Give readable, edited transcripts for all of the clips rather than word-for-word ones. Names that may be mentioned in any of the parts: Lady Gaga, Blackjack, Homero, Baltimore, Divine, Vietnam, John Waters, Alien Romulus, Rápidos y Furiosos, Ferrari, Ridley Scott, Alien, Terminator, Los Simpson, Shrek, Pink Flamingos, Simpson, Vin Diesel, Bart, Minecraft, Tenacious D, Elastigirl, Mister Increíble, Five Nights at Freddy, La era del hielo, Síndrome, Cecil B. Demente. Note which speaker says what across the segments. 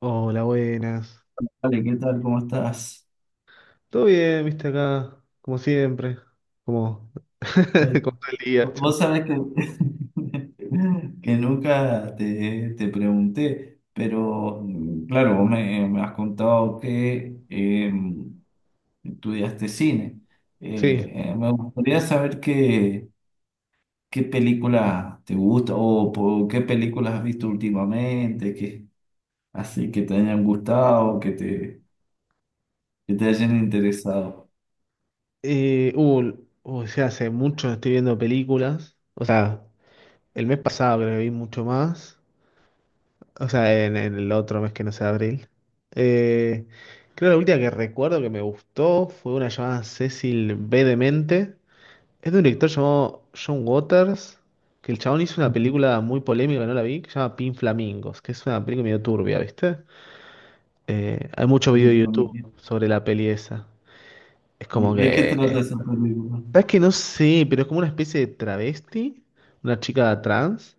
Speaker 1: Hola, buenas.
Speaker 2: Vale, ¿qué tal? ¿Cómo estás?
Speaker 1: ¿Todo bien, viste acá? Como siempre. Como,
Speaker 2: Eh,
Speaker 1: como todo el día, chamo.
Speaker 2: Vos sabés que, que nunca te pregunté, pero claro, vos me has contado que estudiaste cine.
Speaker 1: Sí.
Speaker 2: Me gustaría saber qué película te gusta, qué películas has visto últimamente, así que te hayan gustado, que te hayan interesado.
Speaker 1: Eh, uh, o sea, hace mucho no estoy viendo películas. O sea, el mes pasado creo que vi mucho más. O sea, en el otro mes que no sea abril. Eh, Creo que la última que recuerdo que me gustó fue una llamada Cecil B. Demente. Es de un director llamado John Waters, que el chabón hizo una
Speaker 2: Ujú.
Speaker 1: película muy polémica, no la vi, que se llama Pin Flamingos, que es una película medio turbia, ¿viste? Hay muchos
Speaker 2: ¿Y-
Speaker 1: videos de YouTube
Speaker 2: y-
Speaker 1: sobre la peli esa. Es como
Speaker 2: ¿De qué trata
Speaker 1: que...
Speaker 2: esa película?
Speaker 1: ¿Sabes que? No sé, pero es como una especie de travesti, una chica trans,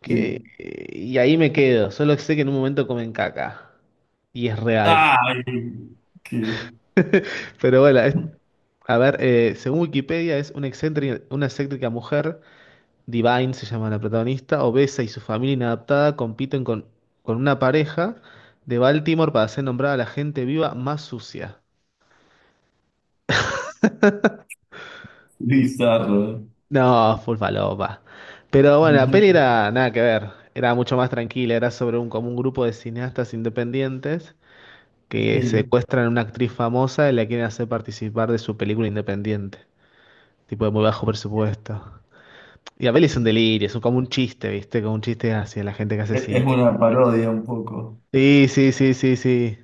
Speaker 1: que...
Speaker 2: Sí.
Speaker 1: Y ahí me quedo, solo sé que en un momento comen caca. Y es real.
Speaker 2: Ay, qué
Speaker 1: Pero bueno, es- a ver, según Wikipedia es una excéntrica mujer. Divine se llama la protagonista, obesa, y su familia inadaptada compiten con una pareja de Baltimore para ser nombrada la gente viva más sucia.
Speaker 2: bizarro.
Speaker 1: No, full falopa. Pero bueno, la peli era nada que ver, era mucho más tranquila, era sobre un, como un grupo de cineastas independientes que
Speaker 2: Sí,
Speaker 1: secuestran a una actriz famosa y la quieren hacer participar de su película independiente, tipo de muy bajo presupuesto. Y la peli es un delirio, es un- como un chiste, ¿viste? Como un chiste hacia la gente que hace
Speaker 2: es
Speaker 1: así.
Speaker 2: una parodia un poco.
Speaker 1: Sí, sí, sí, sí, sí.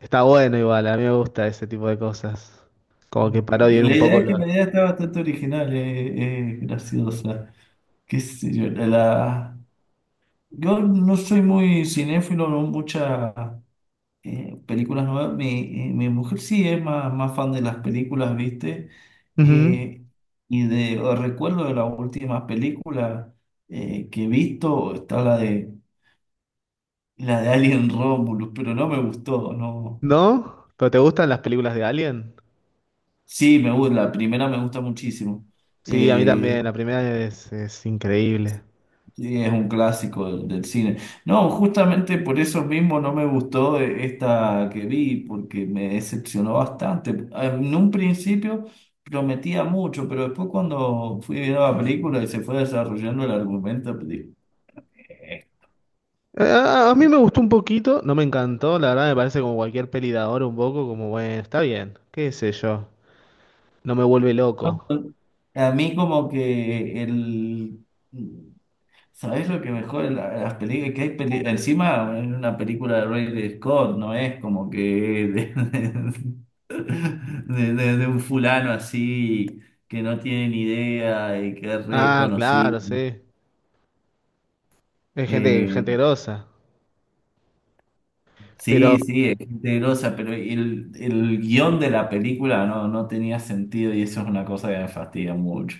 Speaker 1: Está bueno igual, a mí me gusta ese tipo de cosas. Como que parodian un
Speaker 2: La idea
Speaker 1: poco
Speaker 2: es que
Speaker 1: los...
Speaker 2: la idea está bastante original, graciosa. Qué sé yo, yo no soy muy cinéfilo, no muchas películas nuevas. Mi mujer sí es más fan de las películas, ¿viste?
Speaker 1: Ujú.
Speaker 2: Eh, y de o recuerdo de la última película que he visto, está La de Alien Romulus, pero no me gustó, no.
Speaker 1: ¿No? ¿Pero te gustan las películas de Alien?
Speaker 2: Sí, me gusta, la primera me gusta muchísimo.
Speaker 1: Sí, a mí también,
Speaker 2: Eh,
Speaker 1: la primera es increíble.
Speaker 2: sí, es un clásico del cine. No, justamente por eso mismo no me gustó esta que vi, porque me decepcionó bastante. Ah, en un principio prometía mucho, pero después cuando fui viendo la película y se fue desarrollando el argumento, pues dije, "Eh".
Speaker 1: A mí me gustó un poquito, no me encantó, la verdad me parece como cualquier peli de ahora un poco, como bueno, está bien, qué sé yo, no me vuelve loco.
Speaker 2: ¿A mí como que el sabes lo que mejor en las películas? Que hay encima en una película de Ridley Scott, no es como que de un fulano así que no tiene ni idea y que es
Speaker 1: Ah,
Speaker 2: reconocido.
Speaker 1: claro, sí, es gente, gente
Speaker 2: Eh,
Speaker 1: grosa, pero
Speaker 2: sí, sí, es gente grosa, pero el guión de la película no tenía sentido y eso es una cosa que me fastidia mucho.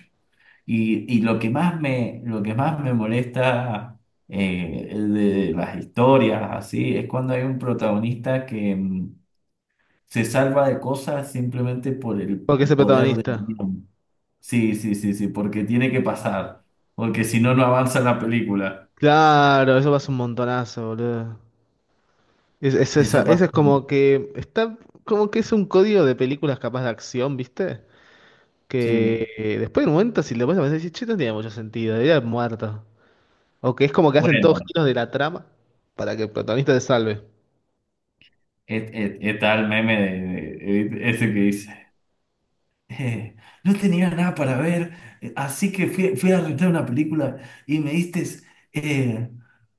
Speaker 2: Y lo que más me molesta de las historias así es cuando hay un protagonista que se salva de cosas simplemente por el
Speaker 1: ¿por qué es el
Speaker 2: poder del
Speaker 1: protagonista?
Speaker 2: guión. Sí, sí, sí, sí, porque tiene que pasar, porque si no, no avanza la película.
Speaker 1: Claro, eso pasa un montonazo, boludo. Es esa,
Speaker 2: Eso
Speaker 1: esa
Speaker 2: pasa.
Speaker 1: es como que está como que es un código de películas capaz de acción, ¿viste? Que
Speaker 2: Sí.
Speaker 1: después de un momento si le pones a pensar, decís, che, no tenía mucho sentido, era muerto. O que es como que hacen
Speaker 2: Bueno,
Speaker 1: todos giros de la trama para que el protagonista se salve.
Speaker 2: está el meme ese que dice. Eh, no tenía nada para ver, así que fui a rentar una película y me diste eh,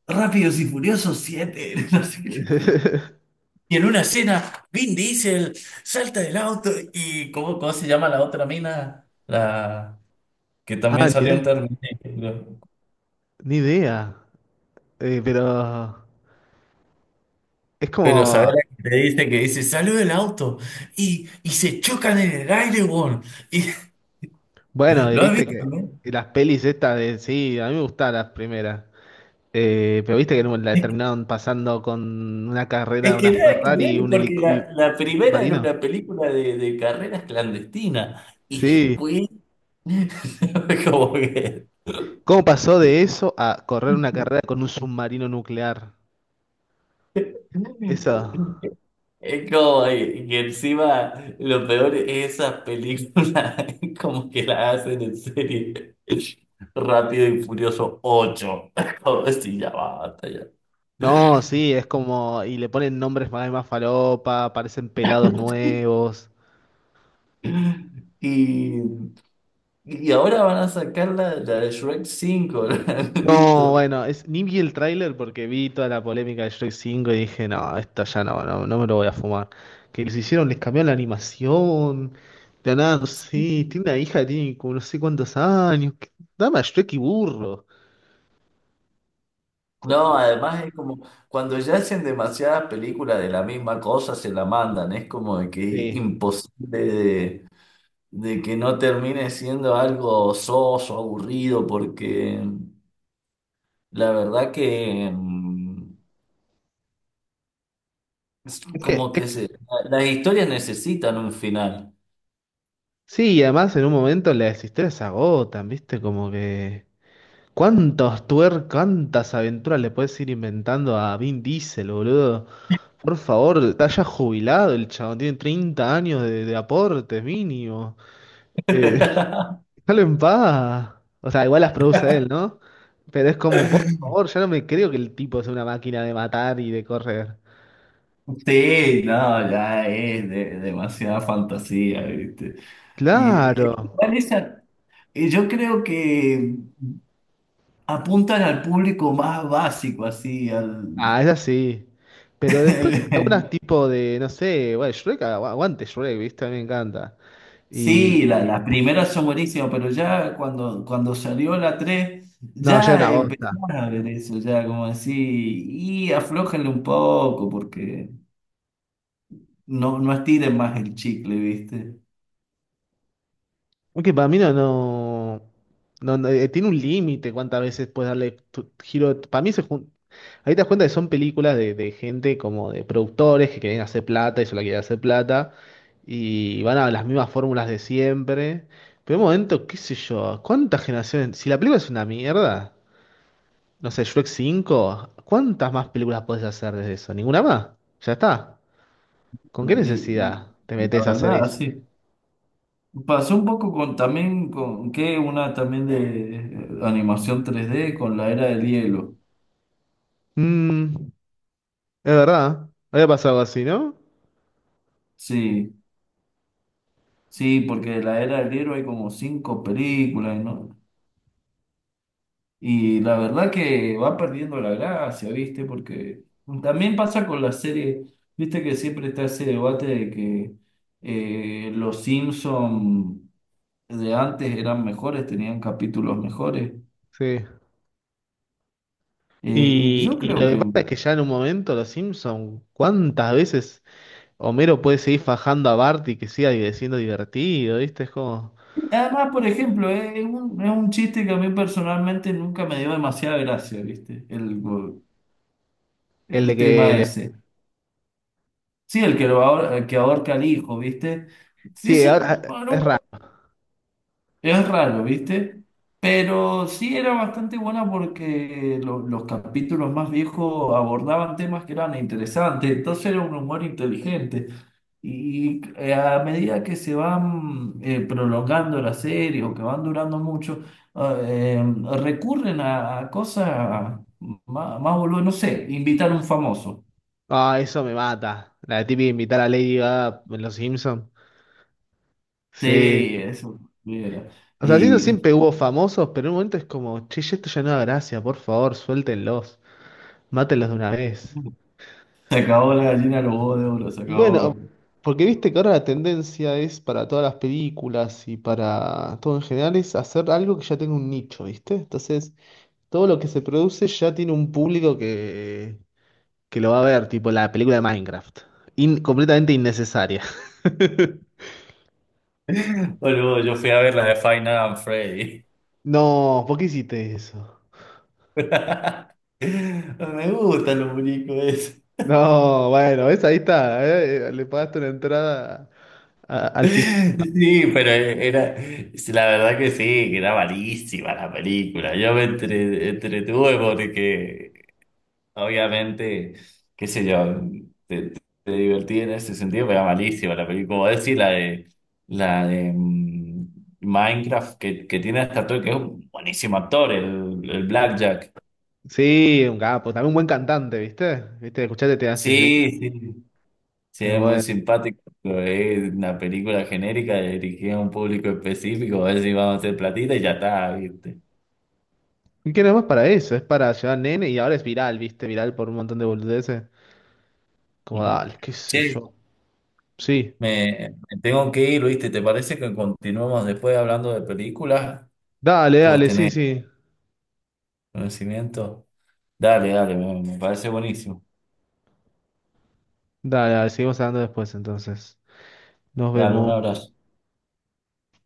Speaker 2: Rápidos y Furiosos 7 no sé qué dice. Y en una escena, Vin Diesel salta del auto y ¿cómo se llama la otra mina? La que
Speaker 1: Ah,
Speaker 2: también
Speaker 1: ni
Speaker 2: salió en
Speaker 1: idea.
Speaker 2: Terminator.
Speaker 1: Ni idea. Pero es
Speaker 2: Pero sabes
Speaker 1: como,
Speaker 2: la que te dice que dice, salió del auto y se chocan en el aire, weón. Y,
Speaker 1: bueno,
Speaker 2: ¿lo has
Speaker 1: viste
Speaker 2: visto,
Speaker 1: que
Speaker 2: no?
Speaker 1: las pelis estas de, sí, a mí me gustaban las primeras. Pero viste que no- la terminaron pasando con una
Speaker 2: Es
Speaker 1: carrera,
Speaker 2: que
Speaker 1: una
Speaker 2: nada que
Speaker 1: Ferrari y
Speaker 2: ver,
Speaker 1: un
Speaker 2: porque
Speaker 1: helicóptero.
Speaker 2: la primera era
Speaker 1: Marino.
Speaker 2: una película de carreras clandestinas y
Speaker 1: Sí,
Speaker 2: después, como que.
Speaker 1: ¿cómo pasó de eso a correr una carrera con un submarino nuclear? Eso.
Speaker 2: Es como que encima lo peor es esas películas, es como que las hacen en serie Rápido y Furioso 8 como si ya basta ya.
Speaker 1: No, sí, es como. Y le ponen nombres más, más falopa, aparecen pelados nuevos.
Speaker 2: Y, y ahora van a sacar la de Shrek 5
Speaker 1: No,
Speaker 2: listo.
Speaker 1: bueno, es, ni vi el tráiler porque vi toda la polémica de Shrek 5 y dije, no, esto ya no, no, no me lo voy a fumar. Que les hicieron, les cambiaron la animación. De nada, sí, tiene una hija, que tiene como no sé cuántos años. Que- dame a Shrek y burro, por
Speaker 2: No,
Speaker 1: favor.
Speaker 2: además es como cuando ya hacen demasiadas películas de la misma cosa, se la mandan. Es como de que es
Speaker 1: Sí.
Speaker 2: imposible de que no termine siendo algo soso, aburrido, porque la verdad que es
Speaker 1: Es que,
Speaker 2: como
Speaker 1: es
Speaker 2: que las historias necesitan un final.
Speaker 1: sí, y además en un momento las historias se agotan, ¿viste? Como que. ¿Cuántos tuer, cuántas aventuras le puedes ir inventando a Vin Diesel, boludo? Por favor, está ya jubilado el chabón, tiene 30 años de aportes mínimo. Eh, déjalo en paz. O sea, igual las produce él, ¿no? Pero es como, por favor, ya no me creo que el tipo sea una máquina de matar y de correr.
Speaker 2: Sí, no, ya es demasiada fantasía, ¿viste? Y,
Speaker 1: Claro.
Speaker 2: igual y yo creo que apuntan al público más básico, así, al.
Speaker 1: Ah, es así. Pero después algunas tipo de, no sé, bueno, Shrek, agu- aguante Shrek, ¿viste? A mí me encanta. Y
Speaker 2: Sí, las primeras son buenísimas, pero ya cuando salió la 3
Speaker 1: no, ya es
Speaker 2: ya
Speaker 1: una bosta.
Speaker 2: empezamos a ver eso, ya como así, y aflójenle un poco, porque no estiren más el chicle, ¿viste?
Speaker 1: Aunque para mí no, tiene un límite cuántas veces puedes darle tu- giro. Para mí se jun- ahí te das cuenta que son películas de gente como de productores que quieren hacer plata y solo quieren hacer plata y van a las mismas fórmulas de siempre. Pero en un momento, qué sé yo, ¿cuántas generaciones? Si la película es una mierda. No sé, Shrek 5. ¿Cuántas más películas podés hacer desde eso? ¿Ninguna más? Ya está. ¿Con qué
Speaker 2: Eh,
Speaker 1: necesidad te
Speaker 2: La
Speaker 1: metes a hacer
Speaker 2: verdad,
Speaker 1: eso?
Speaker 2: sí. Pasó un poco con también, con que una también de animación 3D con la era del hielo,
Speaker 1: Mm, es verdad. Había pasado algo así, ¿no?
Speaker 2: sí. Sí, porque la era del libro hay como cinco películas, ¿no? Y la verdad que va perdiendo la gracia, ¿viste? Porque también pasa con las series, ¿viste? Que siempre está ese debate de que los Simpson de antes eran mejores, tenían capítulos mejores.
Speaker 1: Sí.
Speaker 2: Y
Speaker 1: Y,
Speaker 2: yo
Speaker 1: y
Speaker 2: creo
Speaker 1: lo que
Speaker 2: que,
Speaker 1: pasa es que ya en un momento los Simpson, ¿cuántas veces Homero puede seguir fajando a Bart y que siga di- siendo divertido? ¿Viste? Es como
Speaker 2: además, por ejemplo, es un chiste que a mí personalmente nunca me dio demasiada gracia, ¿viste? El,
Speaker 1: el de
Speaker 2: el
Speaker 1: que
Speaker 2: tema
Speaker 1: le...
Speaker 2: ese. Sí, el que ahorca al hijo, ¿viste? Sí,
Speaker 1: Sí, ahora
Speaker 2: Bueno,
Speaker 1: es raro.
Speaker 2: es raro, ¿viste? Pero sí era bastante buena porque los capítulos más viejos abordaban temas que eran interesantes, entonces era un humor inteligente. Y, a medida que se van prolongando la serie o que van durando mucho, recurren a cosas más boludas, no sé, invitar a un famoso.
Speaker 1: Ah, eso me mata. La típica invitar a Lady Gaga en los Simpson. Sí.
Speaker 2: Sí, eso era.
Speaker 1: O sea, siento
Speaker 2: Y.
Speaker 1: siempre hubo famosos, pero en un momento es como, che, ya esto ya no da gracia, por favor, suéltenlos, mátenlos de una vez.
Speaker 2: Se acabó la gallina de los huevos de oro, se
Speaker 1: Y bueno,
Speaker 2: acabó.
Speaker 1: porque viste que ahora la tendencia es para todas las películas y para todo en general es hacer algo que ya tenga un nicho, ¿viste? Entonces, todo lo que se produce ya tiene un público que lo va a ver, tipo la película de Minecraft. In- completamente innecesaria.
Speaker 2: Boludo, yo fui a ver la de Five Nights at Freddy.
Speaker 1: No, ¿por qué hiciste eso?
Speaker 2: Me gustan los muñecos esos.
Speaker 1: No, bueno, ves, ahí está, le pagaste una entrada a- al.
Speaker 2: Sí, pero era, la verdad que sí, que era malísima la película. Yo me entretuve porque, obviamente, qué sé yo. Te divertí en ese sentido, pero era malísima la película. Como decir, la de Minecraft, que tiene hasta todo, que es un buenísimo actor, el Blackjack.
Speaker 1: Sí, un capo, también un buen cantante, ¿viste? ¿Viste? Escuchaste Tenacious D.
Speaker 2: Sí, sí, sí,
Speaker 1: Sí,
Speaker 2: es muy
Speaker 1: bueno.
Speaker 2: simpático. Pero es una película genérica dirigida a un público específico, a ver si vamos a hacer platita y ya está, ¿viste?
Speaker 1: ¿Y qué no es más para eso? Es para llevar nene y ahora es viral, ¿viste? Viral por un montón de boludeces. Como
Speaker 2: Ujú.
Speaker 1: dale, qué
Speaker 2: Che,
Speaker 1: sé yo. Sí.
Speaker 2: me tengo que ir, ¿viste? ¿Te parece que continuemos después hablando de películas
Speaker 1: Dale,
Speaker 2: que vos
Speaker 1: dale, sí,
Speaker 2: tenés
Speaker 1: sí.
Speaker 2: conocimiento? Dale, dale, me parece buenísimo.
Speaker 1: Dale, dale, seguimos hablando después entonces. Nos
Speaker 2: Dale, un
Speaker 1: vemos.
Speaker 2: abrazo.